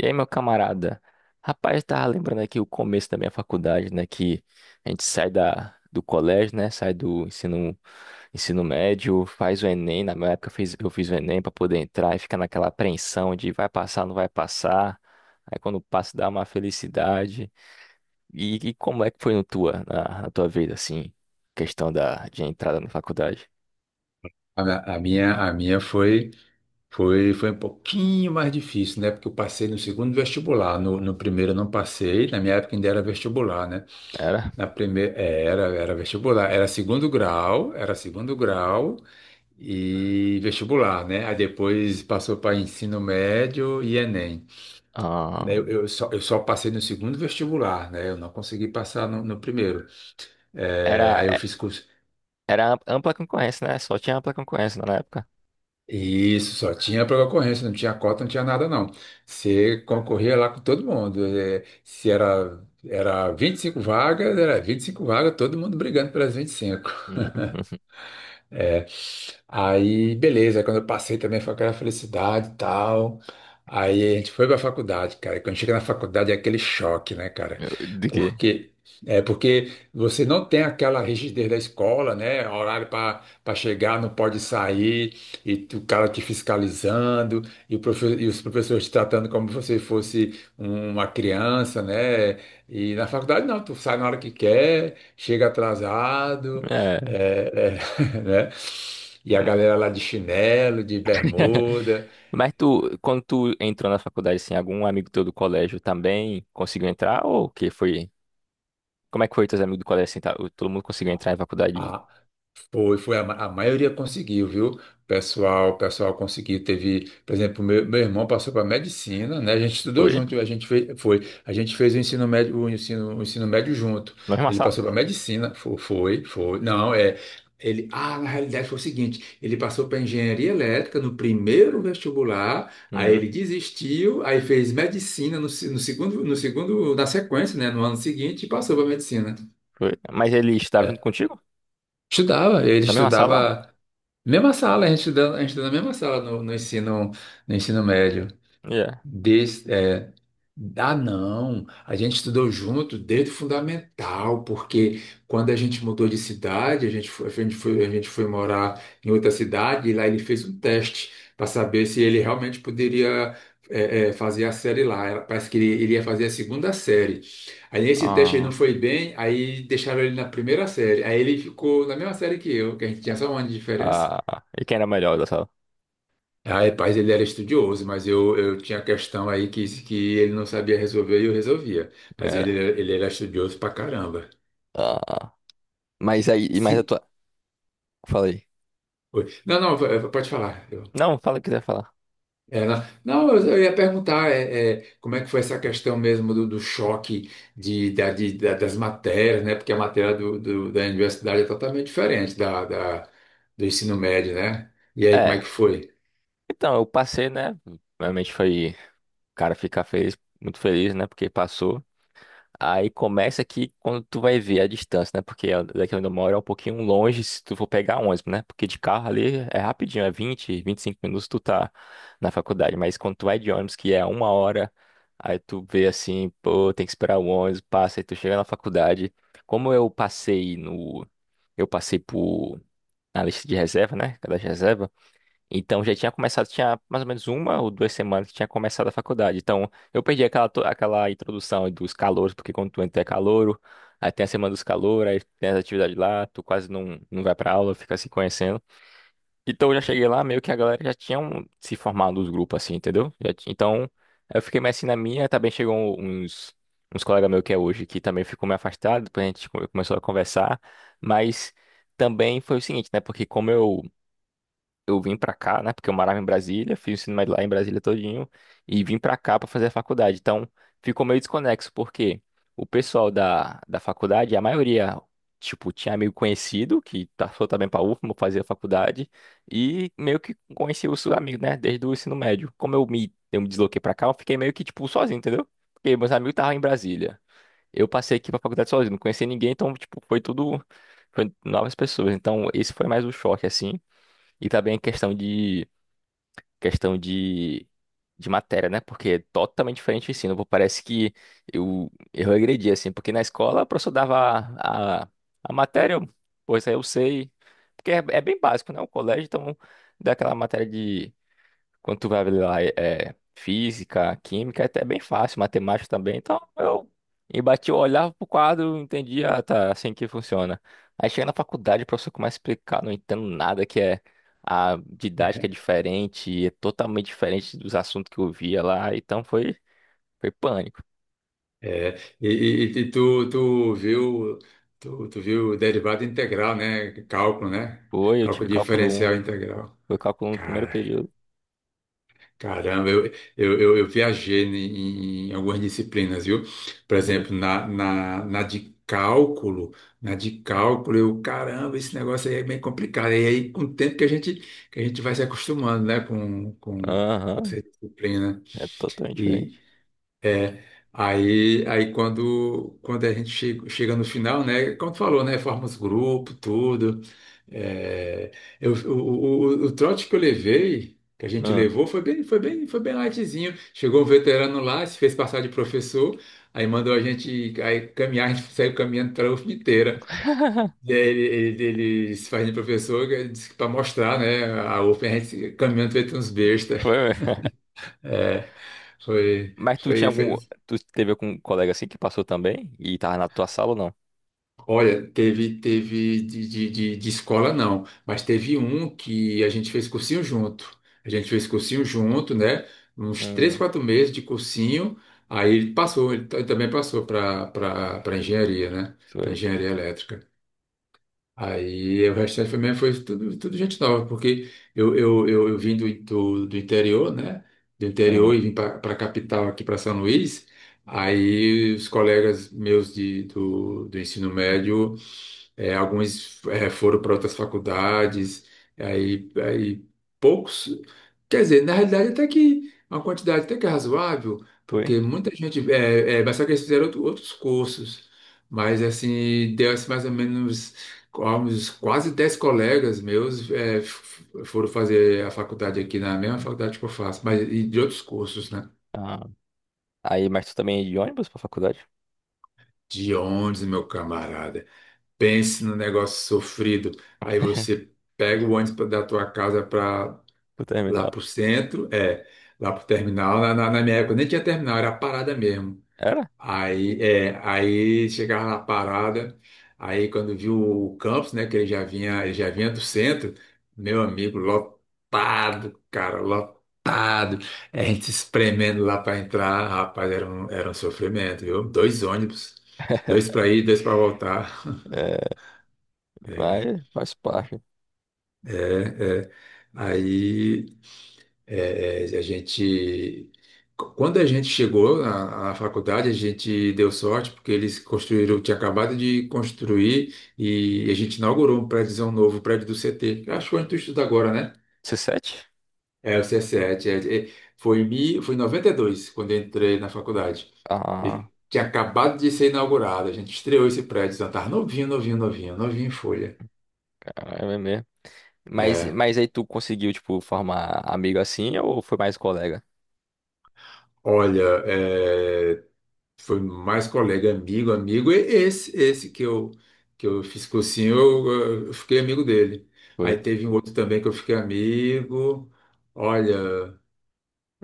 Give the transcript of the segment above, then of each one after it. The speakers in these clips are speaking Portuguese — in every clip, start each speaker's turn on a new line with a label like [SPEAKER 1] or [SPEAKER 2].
[SPEAKER 1] E aí, meu camarada? Rapaz, eu tava lembrando aqui o começo da minha faculdade, né? Que a gente sai do colégio, né? Sai do ensino médio, faz o Enem. Na minha época eu fiz o Enem pra poder entrar e fica naquela apreensão de vai passar, não vai passar. Aí quando passa dá uma felicidade. E como é que foi no tua, na, na tua vida, assim, questão de entrada na faculdade?
[SPEAKER 2] A minha foi um pouquinho mais difícil, né? Porque eu passei no segundo vestibular. No primeiro eu não passei, na minha época ainda era vestibular, né?
[SPEAKER 1] Era?
[SPEAKER 2] Na primeira, era vestibular, era segundo grau, e vestibular, né? Aí depois passou para ensino médio e Enem. Né, Eu,
[SPEAKER 1] Ahn.
[SPEAKER 2] eu só, eu só passei no segundo vestibular, né? Eu não consegui passar no primeiro. É,
[SPEAKER 1] era,
[SPEAKER 2] aí eu fiz curso.
[SPEAKER 1] era ampla concorrência, né? Só tinha ampla concorrência na época.
[SPEAKER 2] Isso, só tinha para concorrência, não tinha cota, não tinha nada, não. Você concorria lá com todo mundo. Se era, 25 vagas, todo mundo brigando pelas 25.
[SPEAKER 1] Hum.
[SPEAKER 2] É. Aí, beleza. Aí quando eu passei também foi aquela felicidade e tal. Aí a gente foi pra faculdade, cara. E quando chega na faculdade é aquele choque, né, cara?
[SPEAKER 1] De quê?
[SPEAKER 2] Porque porque você não tem aquela rigidez da escola, né? Horário para chegar, não pode sair, o cara te fiscalizando, e os professores te tratando como se você fosse uma criança, né? E na faculdade não, tu sai na hora que quer, chega atrasado.
[SPEAKER 1] É.
[SPEAKER 2] é, é né? E a galera lá de chinelo, de bermuda.
[SPEAKER 1] Mas tu, quando tu entrou na faculdade, assim, algum amigo teu do colégio também conseguiu entrar? Ou o que foi? Como é que foi teus amigos do colégio, assim, tá? Todo mundo conseguiu entrar em faculdade?
[SPEAKER 2] A, Foi, foi, a maioria conseguiu, viu? O pessoal conseguiu, teve, por exemplo, meu irmão passou para medicina, né? A gente estudou
[SPEAKER 1] Foi?
[SPEAKER 2] junto, a gente fez, foi, a gente fez o ensino médio, o ensino médio junto.
[SPEAKER 1] Na mesma
[SPEAKER 2] Ele passou para
[SPEAKER 1] sala?
[SPEAKER 2] medicina, foi. Não, é, ele, ah, na realidade foi o seguinte, ele passou para engenharia elétrica no primeiro vestibular, aí
[SPEAKER 1] Hum,
[SPEAKER 2] ele desistiu, aí fez medicina no segundo, na sequência, né? No ano seguinte, e passou para medicina.
[SPEAKER 1] foi. Mas ele estava junto
[SPEAKER 2] É.
[SPEAKER 1] contigo?
[SPEAKER 2] Estudava, ele
[SPEAKER 1] Na mesma sala?
[SPEAKER 2] estudava. Mesma sala, a gente estudou na mesma sala no ensino médio.
[SPEAKER 1] Yeah.
[SPEAKER 2] Desde, é, ah, não, A gente estudou junto desde o fundamental, porque quando a gente mudou de cidade, a gente foi morar em outra cidade e lá ele fez um teste para saber se ele realmente poderia fazer a série lá. Parece que ele ia fazer a segunda série. Aí nesse teste ele não
[SPEAKER 1] Ah,
[SPEAKER 2] foi bem, aí deixaram ele na primeira série. Aí ele ficou na mesma série que eu, que a gente tinha só um ano de diferença.
[SPEAKER 1] ah. E quem era melhor da sala?
[SPEAKER 2] Ah, rapaz, ele era estudioso, mas eu tinha questão aí que ele não sabia resolver e eu resolvia. Mas
[SPEAKER 1] Era.
[SPEAKER 2] ele era estudioso pra caramba.
[SPEAKER 1] Ah. Mas aí, e mais a
[SPEAKER 2] Sim.
[SPEAKER 1] tua... Falei.
[SPEAKER 2] Oi. Não, não, pode falar. Eu-
[SPEAKER 1] Não, fala o que quiser falar.
[SPEAKER 2] é, não, não, Eu ia perguntar como é que foi essa questão mesmo do choque das matérias, né? Porque a matéria da universidade é totalmente diferente do ensino médio, né? E aí, como é
[SPEAKER 1] É.
[SPEAKER 2] que foi?
[SPEAKER 1] Então, eu passei, né? Realmente foi... O cara fica feliz, muito feliz, né? Porque passou. Aí começa aqui quando tu vai ver a distância, né? Porque daqui onde eu moro é um pouquinho longe se tu for pegar ônibus, né? Porque de carro ali é rapidinho, é 20, 25 minutos tu tá na faculdade. Mas quando tu vai de ônibus, que é uma hora, aí tu vê assim, pô, tem que esperar o ônibus, passa, aí tu chega na faculdade. Como eu passei no. Eu passei por. Na lista de reserva, né? Cada reserva. Então já tinha começado, tinha mais ou menos uma ou duas semanas que tinha começado a faculdade. Então eu perdi aquela introdução dos calouros, porque quando tu entra é calouro, aí tem a semana dos calouros, aí tem as atividades lá, tu quase não vai pra aula, fica se conhecendo. Então eu já cheguei lá, meio que a galera já tinha se formado os grupos assim, entendeu? Então eu fiquei mais assim na minha, também chegou um, uns, uns colegas meus que é hoje, que também ficou meio afastado, depois a gente começou a conversar, mas também foi o seguinte, né? Porque como eu vim pra cá, né? Porque eu morava em Brasília, fiz o ensino médio lá em Brasília todinho e vim pra cá pra fazer a faculdade. Então, ficou meio desconexo porque o pessoal da faculdade, a maioria, tipo, tinha amigo conhecido que passou também pra UFMA, fazia faculdade e meio que conhecia os seus amigos, né? Desde o ensino médio. Como eu me desloquei pra cá, eu fiquei meio que, tipo, sozinho, entendeu? Porque meus amigos estavam em Brasília. Eu passei aqui pra faculdade sozinho, não conhecia ninguém, então, tipo, foi tudo, foi novas pessoas. Então, esse foi mais o choque, assim. E também é questão de matéria, né? Porque é, totalmente diferente o ensino. Pô, Parece que eu regredi, assim, porque na escola o professor dava a, a, a matéria, eu- pô, isso aí eu sei. Porque é, é bem básico, né? O colégio, então, dá aquela matéria de quando tu vai lá, é física, química, é até bem fácil, matemática também. Então eu embati, eu olhava pro quadro, entendia, ah, tá, é assim que funciona. Aí chega na faculdade, o professor começa a explicar, não entendo nada que é. A didática é diferente, é totalmente diferente dos assuntos que eu via lá. Então foi pânico.
[SPEAKER 2] É, e tu, tu viu derivada integral, né? Cálculo, né?
[SPEAKER 1] Foi, eu
[SPEAKER 2] Cálculo
[SPEAKER 1] tive cálculo 1,
[SPEAKER 2] diferencial integral.
[SPEAKER 1] foi cálculo 1 no primeiro
[SPEAKER 2] Cara,
[SPEAKER 1] período.
[SPEAKER 2] caramba, eu viajei em algumas disciplinas, viu? Por
[SPEAKER 1] Foi.
[SPEAKER 2] exemplo, na de cálculo, eu, caramba, esse negócio aí é bem complicado. E aí, com o tempo que a gente vai se acostumando, né? Com
[SPEAKER 1] Aham,
[SPEAKER 2] essa disciplina.
[SPEAKER 1] é totalmente
[SPEAKER 2] E
[SPEAKER 1] diferente.
[SPEAKER 2] Aí, quando a gente chega no final, né? Como tu falou, né? Forma os grupo, tudo. É, eu, o trote que eu levei, que a gente
[SPEAKER 1] Ah,
[SPEAKER 2] levou, foi bem lightzinho. Chegou um veterano lá, se fez passar de professor, aí mandou a gente aí, caminhar, a gente saiu caminhando para a UFM inteira. E aí ele se faz de professor, ele disse que para mostrar, né? A UFM, a gente caminhando feito uns besta.
[SPEAKER 1] foi, mesmo.
[SPEAKER 2] É, foi,
[SPEAKER 1] mas tu tinha algum,
[SPEAKER 2] foi.
[SPEAKER 1] tu teve algum colega assim que passou também e tava na tua sala ou não?
[SPEAKER 2] Olha, teve, de escola não, mas teve um que a gente fez cursinho junto. A gente fez cursinho junto, né? Uns três,
[SPEAKER 1] Hum,
[SPEAKER 2] quatro meses de cursinho. Aí ele passou, ele também passou para engenharia, né? Para
[SPEAKER 1] foi.
[SPEAKER 2] engenharia elétrica. Aí o restante foi mesmo, foi tudo, tudo gente nova, porque eu vim do interior, né? Do
[SPEAKER 1] Ah,
[SPEAKER 2] interior e vim para a capital aqui para São Luís. Aí os colegas meus do ensino médio é, alguns é, foram para outras faculdades, aí poucos. Quer dizer, na realidade, até que uma quantidade até que é razoável,
[SPEAKER 1] foi?
[SPEAKER 2] porque muita gente. É, é, mas só que eles fizeram outros cursos, mas assim, deu assim, mais ou menos uns quase 10 colegas meus é, foram fazer a faculdade aqui, na mesma faculdade que eu faço, mas e de outros cursos, né?
[SPEAKER 1] Ah, aí, mas tu também ia de ônibus pra faculdade?
[SPEAKER 2] De onde, meu camarada? Pense no negócio sofrido. Aí você pega o ônibus da tua casa para
[SPEAKER 1] Pro
[SPEAKER 2] lá
[SPEAKER 1] terminal?
[SPEAKER 2] pro centro, é, lá pro terminal. Na minha época nem tinha terminal, era a parada mesmo.
[SPEAKER 1] Era?
[SPEAKER 2] Aí, é, aí chegava na parada, aí quando viu o campus, né, que ele já vinha do centro, meu amigo, lotado, cara, lotado. É, a gente se espremendo lá para entrar, rapaz, era um sofrimento, viu? Dois ônibus, dois para ir, dois para voltar.
[SPEAKER 1] É,
[SPEAKER 2] É.
[SPEAKER 1] vai, faz parte.
[SPEAKER 2] É, é. Aí é, é, a gente, quando a gente chegou na faculdade, a gente deu sorte porque eles construíram, tinha acabado de construir e a gente inaugurou o prédio do CT. Eu acho que onde tu estuda agora, né?
[SPEAKER 1] C7?
[SPEAKER 2] É, o c 7. É, é, foi, foi em 92, quando eu entrei na faculdade.
[SPEAKER 1] Ah,
[SPEAKER 2] Ele tinha acabado de ser inaugurado, a gente estreou esse prédio, então tava novinho, novinho em folha.
[SPEAKER 1] cara, é mesmo. Mas,
[SPEAKER 2] É,
[SPEAKER 1] mas aí tu conseguiu, tipo, formar amigo assim ou foi mais colega?
[SPEAKER 2] olha, é, foi mais colega, amigo, amigo. Esse que eu fiz cursinho, eu, fiquei amigo dele. Aí
[SPEAKER 1] Foi.
[SPEAKER 2] teve um outro também que eu fiquei amigo. Olha,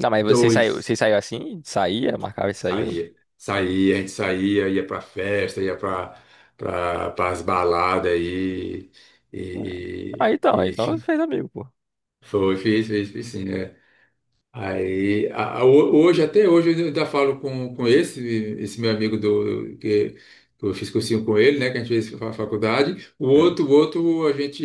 [SPEAKER 1] Não, mas você saiu,
[SPEAKER 2] dois
[SPEAKER 1] você saiu assim? Saía, marcava e saiu?
[SPEAKER 2] saía, a gente saía, ia para festa, ia para as baladas aí
[SPEAKER 1] É. Ah,
[SPEAKER 2] e,
[SPEAKER 1] então, aí
[SPEAKER 2] e,
[SPEAKER 1] então você
[SPEAKER 2] e
[SPEAKER 1] fez amigo, pô.
[SPEAKER 2] Fiz sim, né? Aí, hoje, até hoje, eu ainda falo com esse, esse meu amigo que eu fiz cursinho com ele, né? Que a gente fez faculdade.
[SPEAKER 1] É,
[SPEAKER 2] O outro, a gente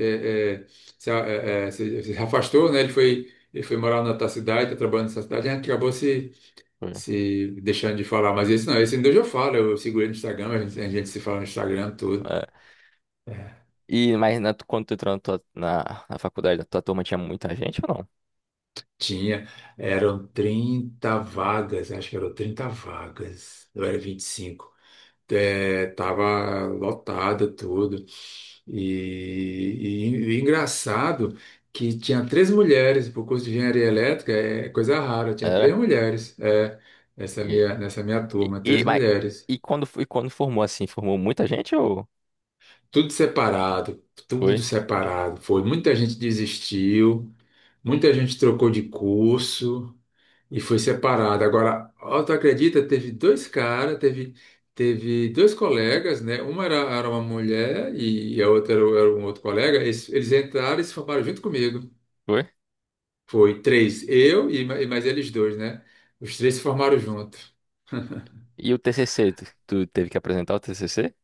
[SPEAKER 2] é, é, se, a- é, é, se- se afastou, né? Ele foi morar na outra cidade, tá trabalhando nessa cidade, a gente acabou
[SPEAKER 1] foi.
[SPEAKER 2] se deixando de falar. Mas esse não, esse ainda hoje eu falo, eu sigo ele no Instagram, a gente se fala no Instagram, tudo.
[SPEAKER 1] É. Quando tu entrou na faculdade, a tua turma tinha muita gente ou não?
[SPEAKER 2] Tinha, eram 30 vagas, acho que eram 30 vagas, eu era 25. É, tava lotada tudo. E engraçado que tinha três mulheres para o curso de engenharia elétrica, é coisa rara, tinha três
[SPEAKER 1] Era?
[SPEAKER 2] mulheres, é, nessa minha
[SPEAKER 1] E,
[SPEAKER 2] turma,
[SPEAKER 1] e,
[SPEAKER 2] três
[SPEAKER 1] mas-
[SPEAKER 2] mulheres.
[SPEAKER 1] e quando formou assim, formou muita gente ou
[SPEAKER 2] Tudo separado,
[SPEAKER 1] foi?
[SPEAKER 2] tudo separado. Foi, muita gente desistiu, muita gente trocou de curso. E foi separada. Agora, ó, tu acredita? Teve dois caras, teve dois colegas, né? Uma era, era uma mulher e a outra era, era um outro colega. Eles entraram e se formaram junto comigo.
[SPEAKER 1] Foi?
[SPEAKER 2] Foi três, eu e, e mais eles dois, né? Os três se formaram junto.
[SPEAKER 1] E o TCC, tu teve que apresentar o TCC?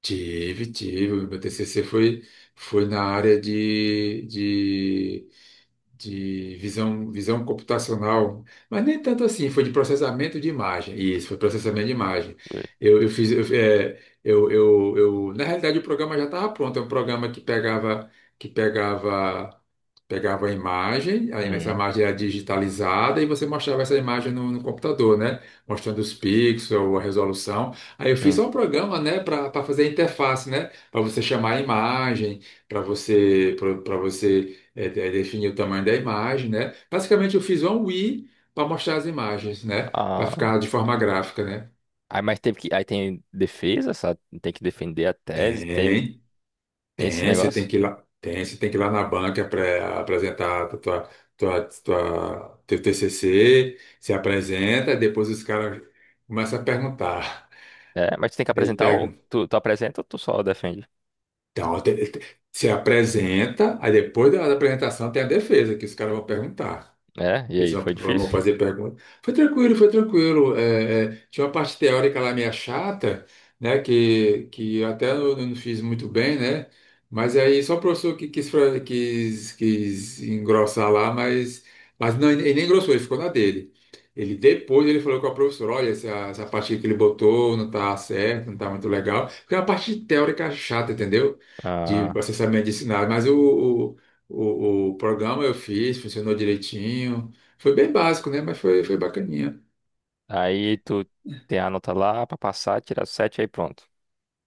[SPEAKER 2] Tive, tive. O meu TCC foi, foi na área de, visão computacional, mas nem tanto assim, foi de processamento de imagem. Isso, foi processamento de imagem.
[SPEAKER 1] Foi.
[SPEAKER 2] Eu fiz, eu, é, eu- Na realidade o programa já estava pronto, é um programa que pegava, que pegava, pegava a imagem, aí essa
[SPEAKER 1] Uhum.
[SPEAKER 2] imagem era digitalizada e você mostrava essa imagem no computador, né? Mostrando os pixels, a resolução. Aí eu fiz
[SPEAKER 1] Hum.
[SPEAKER 2] só um programa, né, para fazer a interface, né? Para você chamar a imagem, para você, para você definir o tamanho da imagem, né? Basicamente, eu fiz um Wii para mostrar as imagens, né? Para
[SPEAKER 1] Ah,
[SPEAKER 2] ficar de forma gráfica, né?
[SPEAKER 1] aí tem defesa, sabe? Tem que defender a tese, teve,
[SPEAKER 2] Tem,
[SPEAKER 1] tem esse
[SPEAKER 2] você tem
[SPEAKER 1] negócio?
[SPEAKER 2] que ir lá, tem, você tem que ir lá na banca para apresentar a tua, teu TCC, se apresenta, depois os caras começam a perguntar.
[SPEAKER 1] É, mas tu tem que
[SPEAKER 2] Aí
[SPEAKER 1] apresentar ou
[SPEAKER 2] pega,
[SPEAKER 1] tu apresenta ou tu só defende?
[SPEAKER 2] então, se apresenta, aí depois da apresentação tem a defesa, que os caras vão perguntar.
[SPEAKER 1] É, e
[SPEAKER 2] Eles
[SPEAKER 1] aí
[SPEAKER 2] vão,
[SPEAKER 1] foi
[SPEAKER 2] vão
[SPEAKER 1] difícil?
[SPEAKER 2] fazer perguntas. Foi tranquilo, foi tranquilo. É, é, tinha uma parte teórica lá meio chata, né? Que eu até eu não fiz muito bem, né? Mas aí só o professor que quis, quis engrossar lá, mas não, ele nem engrossou, ele ficou na dele. Ele falou com a professora, olha, essa parte que ele botou não tá certo, não tá muito legal. Porque é uma parte teórica chata, entendeu? De
[SPEAKER 1] Ah,
[SPEAKER 2] processamento de sinais. Mas o, o, o o programa eu fiz, funcionou direitinho. Foi bem básico, né? Mas foi, foi bacaninha.
[SPEAKER 1] aí tu tem a nota lá pra passar, tirar 7 aí pronto.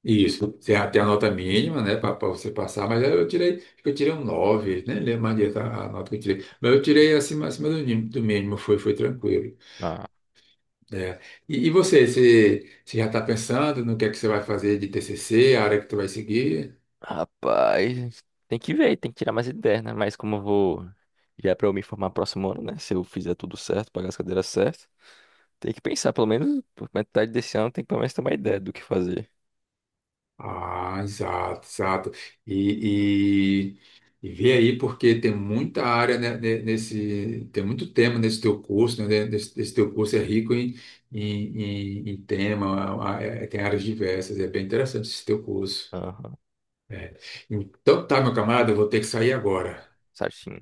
[SPEAKER 2] Isso. Tem a nota mínima, né? Para você passar, mas aí eu tirei, acho que eu tirei um nove, nem lembro mais direito a nota que eu tirei. Mas eu tirei acima, acima do, do mínimo, foi, foi tranquilo.
[SPEAKER 1] Ah,
[SPEAKER 2] Né? Você já está pensando no que é que você vai fazer de TCC, a área que tu vai seguir?
[SPEAKER 1] rapaz, tem que ver, tem que tirar mais ideias, né? Mas como eu vou. Já é pra eu me formar próximo ano, né? Se eu fizer tudo certo, pagar as cadeiras certas, tem que pensar, pelo menos por metade desse ano, tem que pelo menos ter uma ideia do que fazer.
[SPEAKER 2] Ah, exato, exato. E, e vê aí, porque tem muita área, né, tem muito tema nesse teu curso, né? Nesse teu curso é rico em, em tema, ah, tem áreas diversas, é bem interessante esse teu curso.
[SPEAKER 1] Aham,
[SPEAKER 2] É. Então tá, meu camarada, eu vou ter que sair agora.
[SPEAKER 1] certinho.